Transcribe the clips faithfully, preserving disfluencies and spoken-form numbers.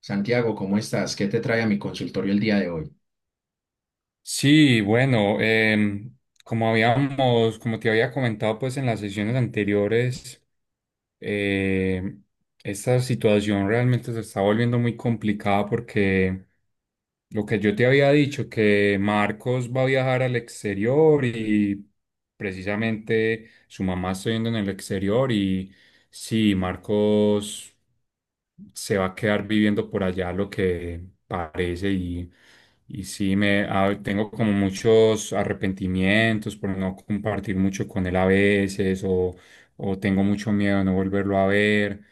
Santiago, ¿cómo estás? ¿Qué te trae a mi consultorio el día de hoy? Sí, bueno, em, como habíamos, como te había comentado pues en las sesiones anteriores. em, Esta situación realmente se está volviendo muy complicada porque lo que yo te había dicho, que Marcos va a viajar al exterior y precisamente su mamá está viendo en el exterior y sí, Marcos se va a quedar viviendo por allá lo que parece. Y, y sí me ah, tengo como muchos arrepentimientos por no compartir mucho con él a veces o, o tengo mucho miedo de no volverlo a ver.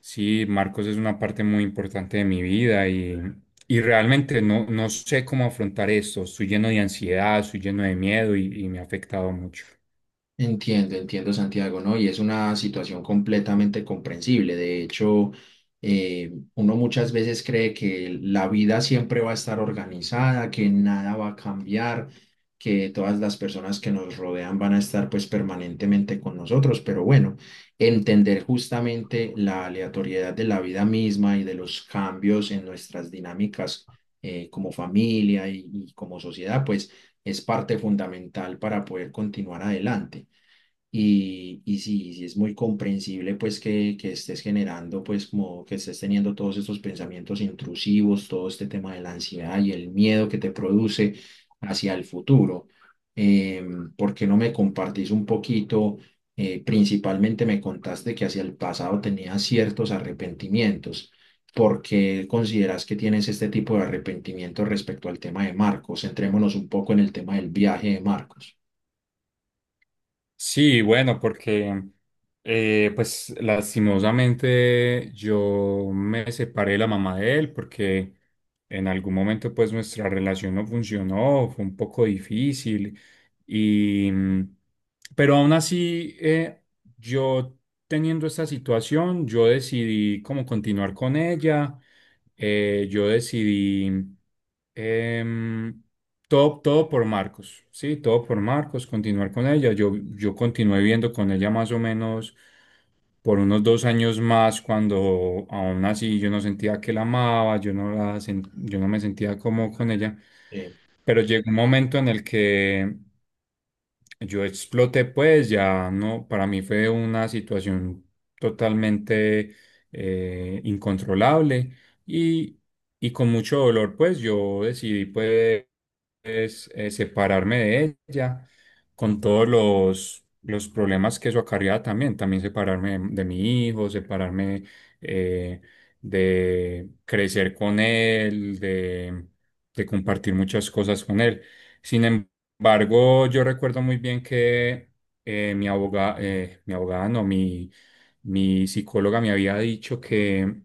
Sí, Marcos es una parte muy importante de mi vida y, y realmente no, no sé cómo afrontar esto. Estoy lleno de ansiedad, estoy lleno de miedo y, y me ha afectado mucho. Entiendo, entiendo, Santiago, ¿no? Y es una situación completamente comprensible. De hecho, eh, uno muchas veces cree que la vida siempre va a estar organizada, que nada va a cambiar, que todas las personas que nos rodean van a estar pues permanentemente con nosotros. Pero bueno, entender justamente la aleatoriedad de la vida misma y de los cambios en nuestras dinámicas eh, como familia y y como sociedad, pues es parte fundamental para poder continuar adelante. Y, y sí, sí es muy comprensible pues que, que estés generando pues como que estés teniendo todos estos pensamientos intrusivos, todo este tema de la ansiedad y el miedo que te produce hacia el futuro. Em, ¿por qué no me compartís un poquito? Eh, principalmente me contaste que hacia el pasado tenías ciertos arrepentimientos. ¿Por qué consideras que tienes este tipo de arrepentimiento respecto al tema de Marcos? Centrémonos un poco en el tema del viaje de Marcos. Sí, bueno, porque eh, pues lastimosamente yo me separé de la mamá de él porque en algún momento pues nuestra relación no funcionó, fue un poco difícil y mm, pero aún así, eh, yo teniendo esta situación yo decidí como continuar con ella. Eh, yo decidí, em, todo, todo por Marcos, sí, todo por Marcos, continuar con ella. Yo, yo continué viendo con ella más o menos por unos dos años más, cuando aún así yo no sentía que la amaba, yo no la, sen- yo no me sentía como con ella, Eh, pero llegó un momento en el que yo exploté, pues ya no, para mí fue una situación totalmente eh, incontrolable, y, y con mucho dolor, pues yo decidí, pues es eh, separarme de ella, con todos los, los problemas que eso acarreaba. También, también separarme de, de mi hijo, separarme, eh, de crecer con él, de, de compartir muchas cosas con él. Sin embargo, yo recuerdo muy bien que, eh, mi abogada, mi abogada, no, mi mi psicóloga me había dicho que,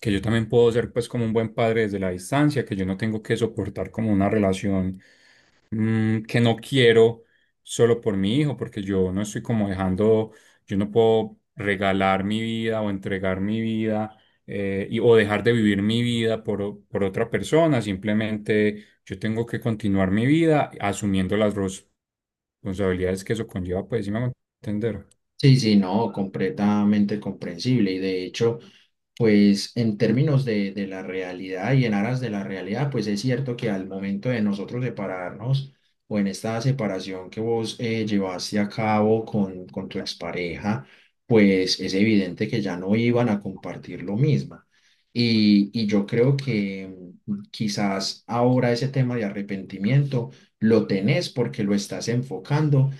que yo también puedo ser pues como un buen padre desde la distancia, que yo no tengo que soportar como una relación, mm, que no quiero solo por mi hijo, porque yo no estoy como dejando, yo no puedo regalar mi vida o entregar mi vida, eh, y, o dejar de vivir mi vida por, o- por otra persona. Simplemente yo tengo que continuar mi vida asumiendo las responsabilidades que eso conlleva, pues sí me hago entender. Sí, sí, no, completamente comprensible. Y de hecho, pues en términos de, de la realidad y en aras de la realidad, pues es cierto que al momento de nosotros separarnos o en esta separación que vos eh, llevaste a cabo con, con tu expareja, pues es evidente que ya no iban a compartir lo mismo. Y, y yo creo que mm, quizás ahora ese tema de arrepentimiento lo tenés porque lo estás enfocando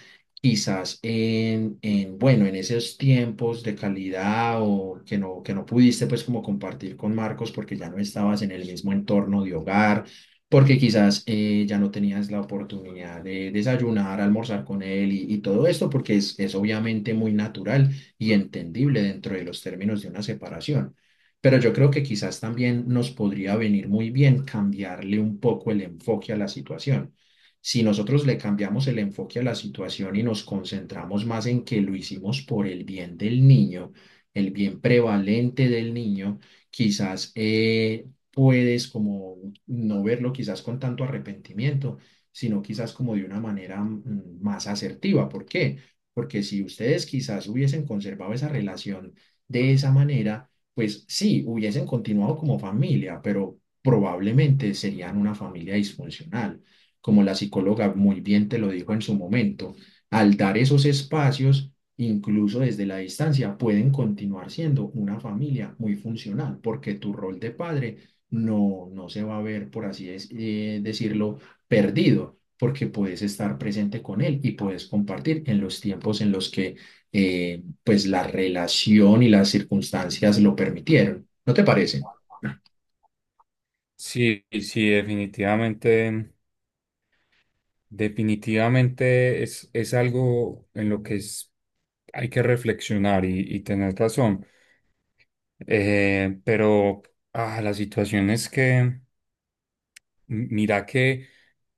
quizás en, en, bueno, en esos tiempos de calidad o que no, que no pudiste pues como compartir con Marcos porque ya no estabas en el mismo entorno de hogar, porque quizás eh, ya no tenías la oportunidad de desayunar, almorzar con él y, y todo esto, porque es, es obviamente muy natural y entendible dentro de los términos de una separación. Pero yo creo que quizás también nos podría venir muy bien cambiarle un poco el enfoque a la situación. Si nosotros le cambiamos el enfoque a la situación y nos concentramos más en que lo hicimos por el bien del niño, el bien prevalente del niño, quizás eh, puedes como no verlo quizás con tanto arrepentimiento, sino quizás como de una manera mm, más asertiva. ¿Por qué? Porque si ustedes quizás hubiesen conservado esa relación de esa manera, pues sí, hubiesen continuado como familia, pero probablemente serían una familia disfuncional como la psicóloga muy bien te lo dijo en su momento, al dar esos espacios, incluso desde la distancia, pueden continuar siendo una familia muy funcional, porque tu rol de padre no, no se va a ver, por así es- eh, decirlo, perdido, porque puedes estar presente con él y puedes compartir en los tiempos en los que eh, pues la relación y las circunstancias lo permitieron. ¿No te parece? Sí, sí, definitivamente, definitivamente es, es algo en lo que es- hay que reflexionar y, y tener razón. Eh, pero ah, la situación es que, m- mira que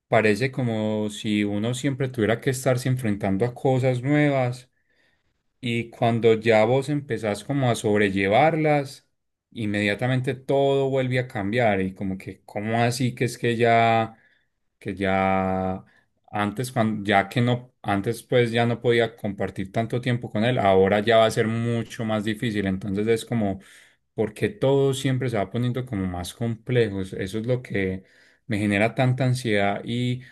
parece como si uno siempre tuviera que estarse enfrentando a cosas nuevas. Y cuando ya vos empezás como a sobrellevarlas, inmediatamente todo vuelve a cambiar. Y como que, ¿cómo así que es que ya, que ya antes, cuando, ya que no, antes pues ya no podía compartir tanto tiempo con él, ahora ya va a ser mucho más difícil? Entonces es como, porque todo siempre se va poniendo como más complejo. Eso es lo que me genera tanta ansiedad, y,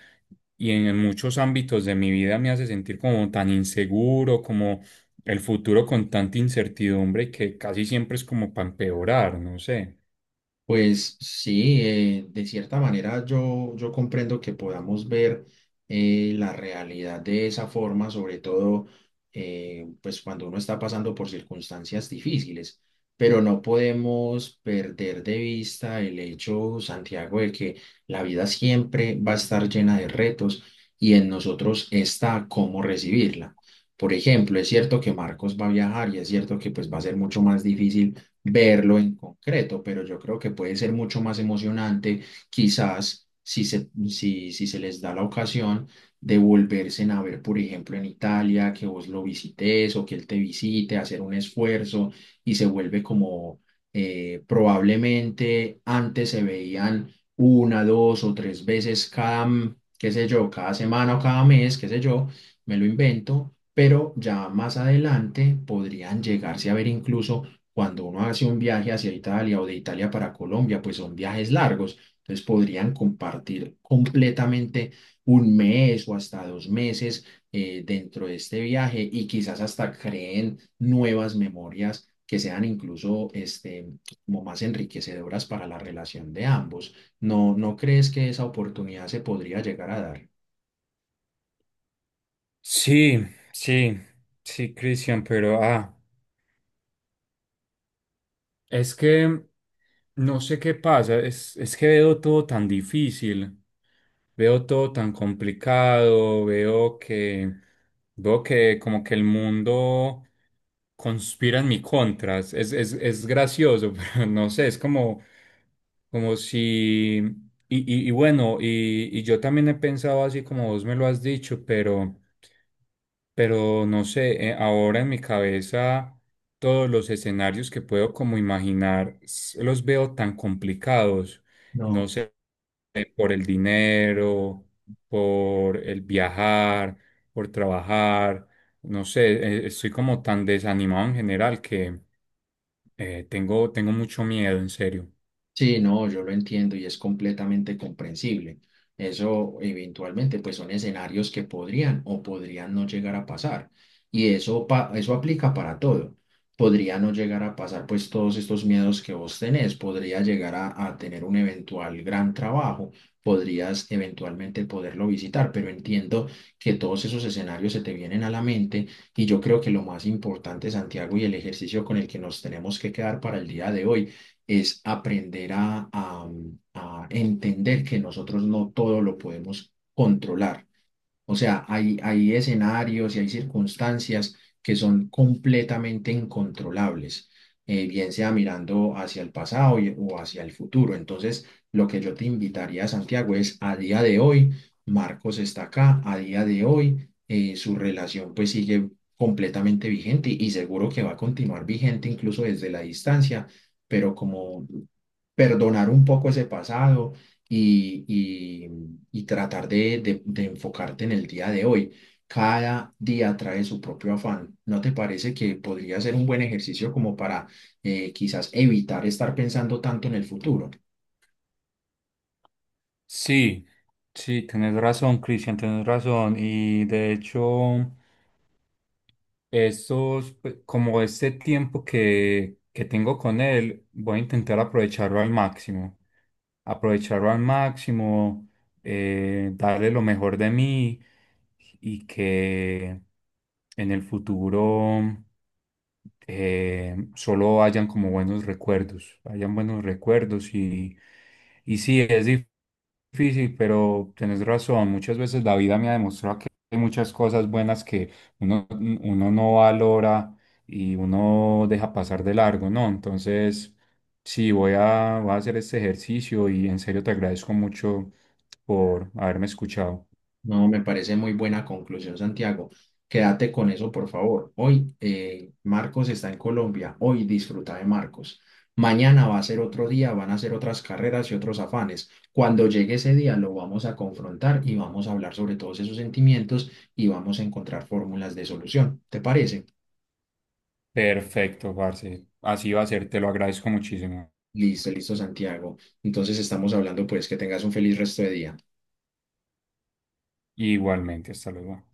y en muchos ámbitos de mi vida me hace sentir como tan inseguro, como el futuro con tanta incertidumbre que casi siempre es como para empeorar, no sé. Pues sí, eh, de cierta manera yo, yo comprendo que podamos ver eh, la realidad de esa forma, sobre todo eh, pues cuando uno está pasando por circunstancias difíciles, pero no podemos perder de vista el hecho, Santiago, de que la vida siempre va a estar llena de retos y en nosotros está cómo recibirla. Por ejemplo, es cierto que Marcos va a viajar y es cierto que pues va a ser mucho más difícil verlo en concreto, pero yo creo que puede ser mucho más emocionante, quizás si se, si, si se les da la ocasión de volverse a ver, por ejemplo, en Italia, que vos lo visites o que él te visite, hacer un esfuerzo y se vuelve como eh, probablemente antes se veían una, dos o tres veces cada, mm, qué sé yo, cada semana o cada mes, qué sé yo, me lo invento. Pero ya más adelante podrían llegarse a ver incluso cuando uno hace un viaje hacia Italia o de Italia para Colombia, pues son viajes largos. Entonces podrían compartir completamente un mes o hasta dos meses eh, dentro de este viaje y quizás hasta creen nuevas memorias que sean incluso este, como más enriquecedoras para la relación de ambos. ¿No, no crees que esa oportunidad se podría llegar a dar? Sí, sí, sí, Cristian, pero ah, es que no sé qué pasa, es, es que veo todo tan difícil, veo todo tan complicado, veo que, veo que como que el mundo conspira en mi contra. Es, es, es gracioso, pero no sé, es como. Como si, y, y, y bueno, y, y yo también he pensado así como vos me lo has dicho, pero, pero no sé, eh, ahora en mi cabeza todos los escenarios que puedo como imaginar s- los veo tan complicados, No. no sé, eh, por el dinero, por el viajar, por trabajar, no sé, eh, estoy como tan desanimado en general que, eh, tengo, tengo mucho miedo, en serio. Sí, no, yo lo entiendo y es completamente comprensible. Eso eventualmente pues son escenarios que podrían o podrían no llegar a pasar. Y eso, pa- eso aplica para todo. Podría no llegar a pasar pues todos estos miedos que vos tenés. Podría llegar a, a tener un eventual gran trabajo. Podrías eventualmente poderlo visitar, pero entiendo que todos esos escenarios se te vienen a la mente y yo creo que lo más importante, Santiago, y el ejercicio con el que nos tenemos que quedar para el día de hoy es aprender a, a- a entender que nosotros no todo lo podemos controlar. O sea, hay, hay escenarios y hay circunstancias que son completamente incontrolables, eh, bien sea mirando hacia el pasado y- o hacia el futuro. Entonces, lo que yo te invitaría, Santiago, es a día de hoy, Marcos está acá, a día de hoy, eh, su relación pues sigue completamente vigente y seguro que va a continuar vigente incluso desde la distancia, pero como perdonar un poco ese pasado y, y- y tratar de, de- de enfocarte en el día de hoy. Cada día trae su propio afán. ¿No te parece que podría ser un buen ejercicio como para eh, quizás evitar estar pensando tanto en el futuro? Sí, sí, tienes razón, Cristian, tienes razón. Y de hecho, esos, pues, como este tiempo que, que tengo con él, voy a intentar aprovecharlo al máximo. Aprovecharlo al máximo, eh, darle lo mejor de mí. Y que en el futuro eh, solo hayan como buenos recuerdos, hayan buenos recuerdos y, y sí, es dif- difícil, pero tenés razón, muchas veces la vida me ha demostrado que hay muchas cosas buenas uno, uno no valora y uno deja pasar de largo, ¿no? Entonces, sí, voy a, voy a hacer este ejercicio y en serio te agradezco mucho por haberme escuchado. No, me parece muy buena conclusión, Santiago. Quédate con eso, por favor. Hoy eh, Marcos está en Colombia. Hoy disfruta de Marcos. Mañana va a ser otro día, van a ser otras carreras y otros afanes. Cuando llegue ese día lo vamos a confrontar y vamos a hablar sobre todos esos sentimientos y vamos a encontrar fórmulas de solución. ¿Te parece? Perfecto, parce. Así va a ser, te lo agradezco muchísimo. Listo, listo, Santiago. Entonces estamos hablando, pues que tengas un feliz resto de día. Igualmente, hasta luego.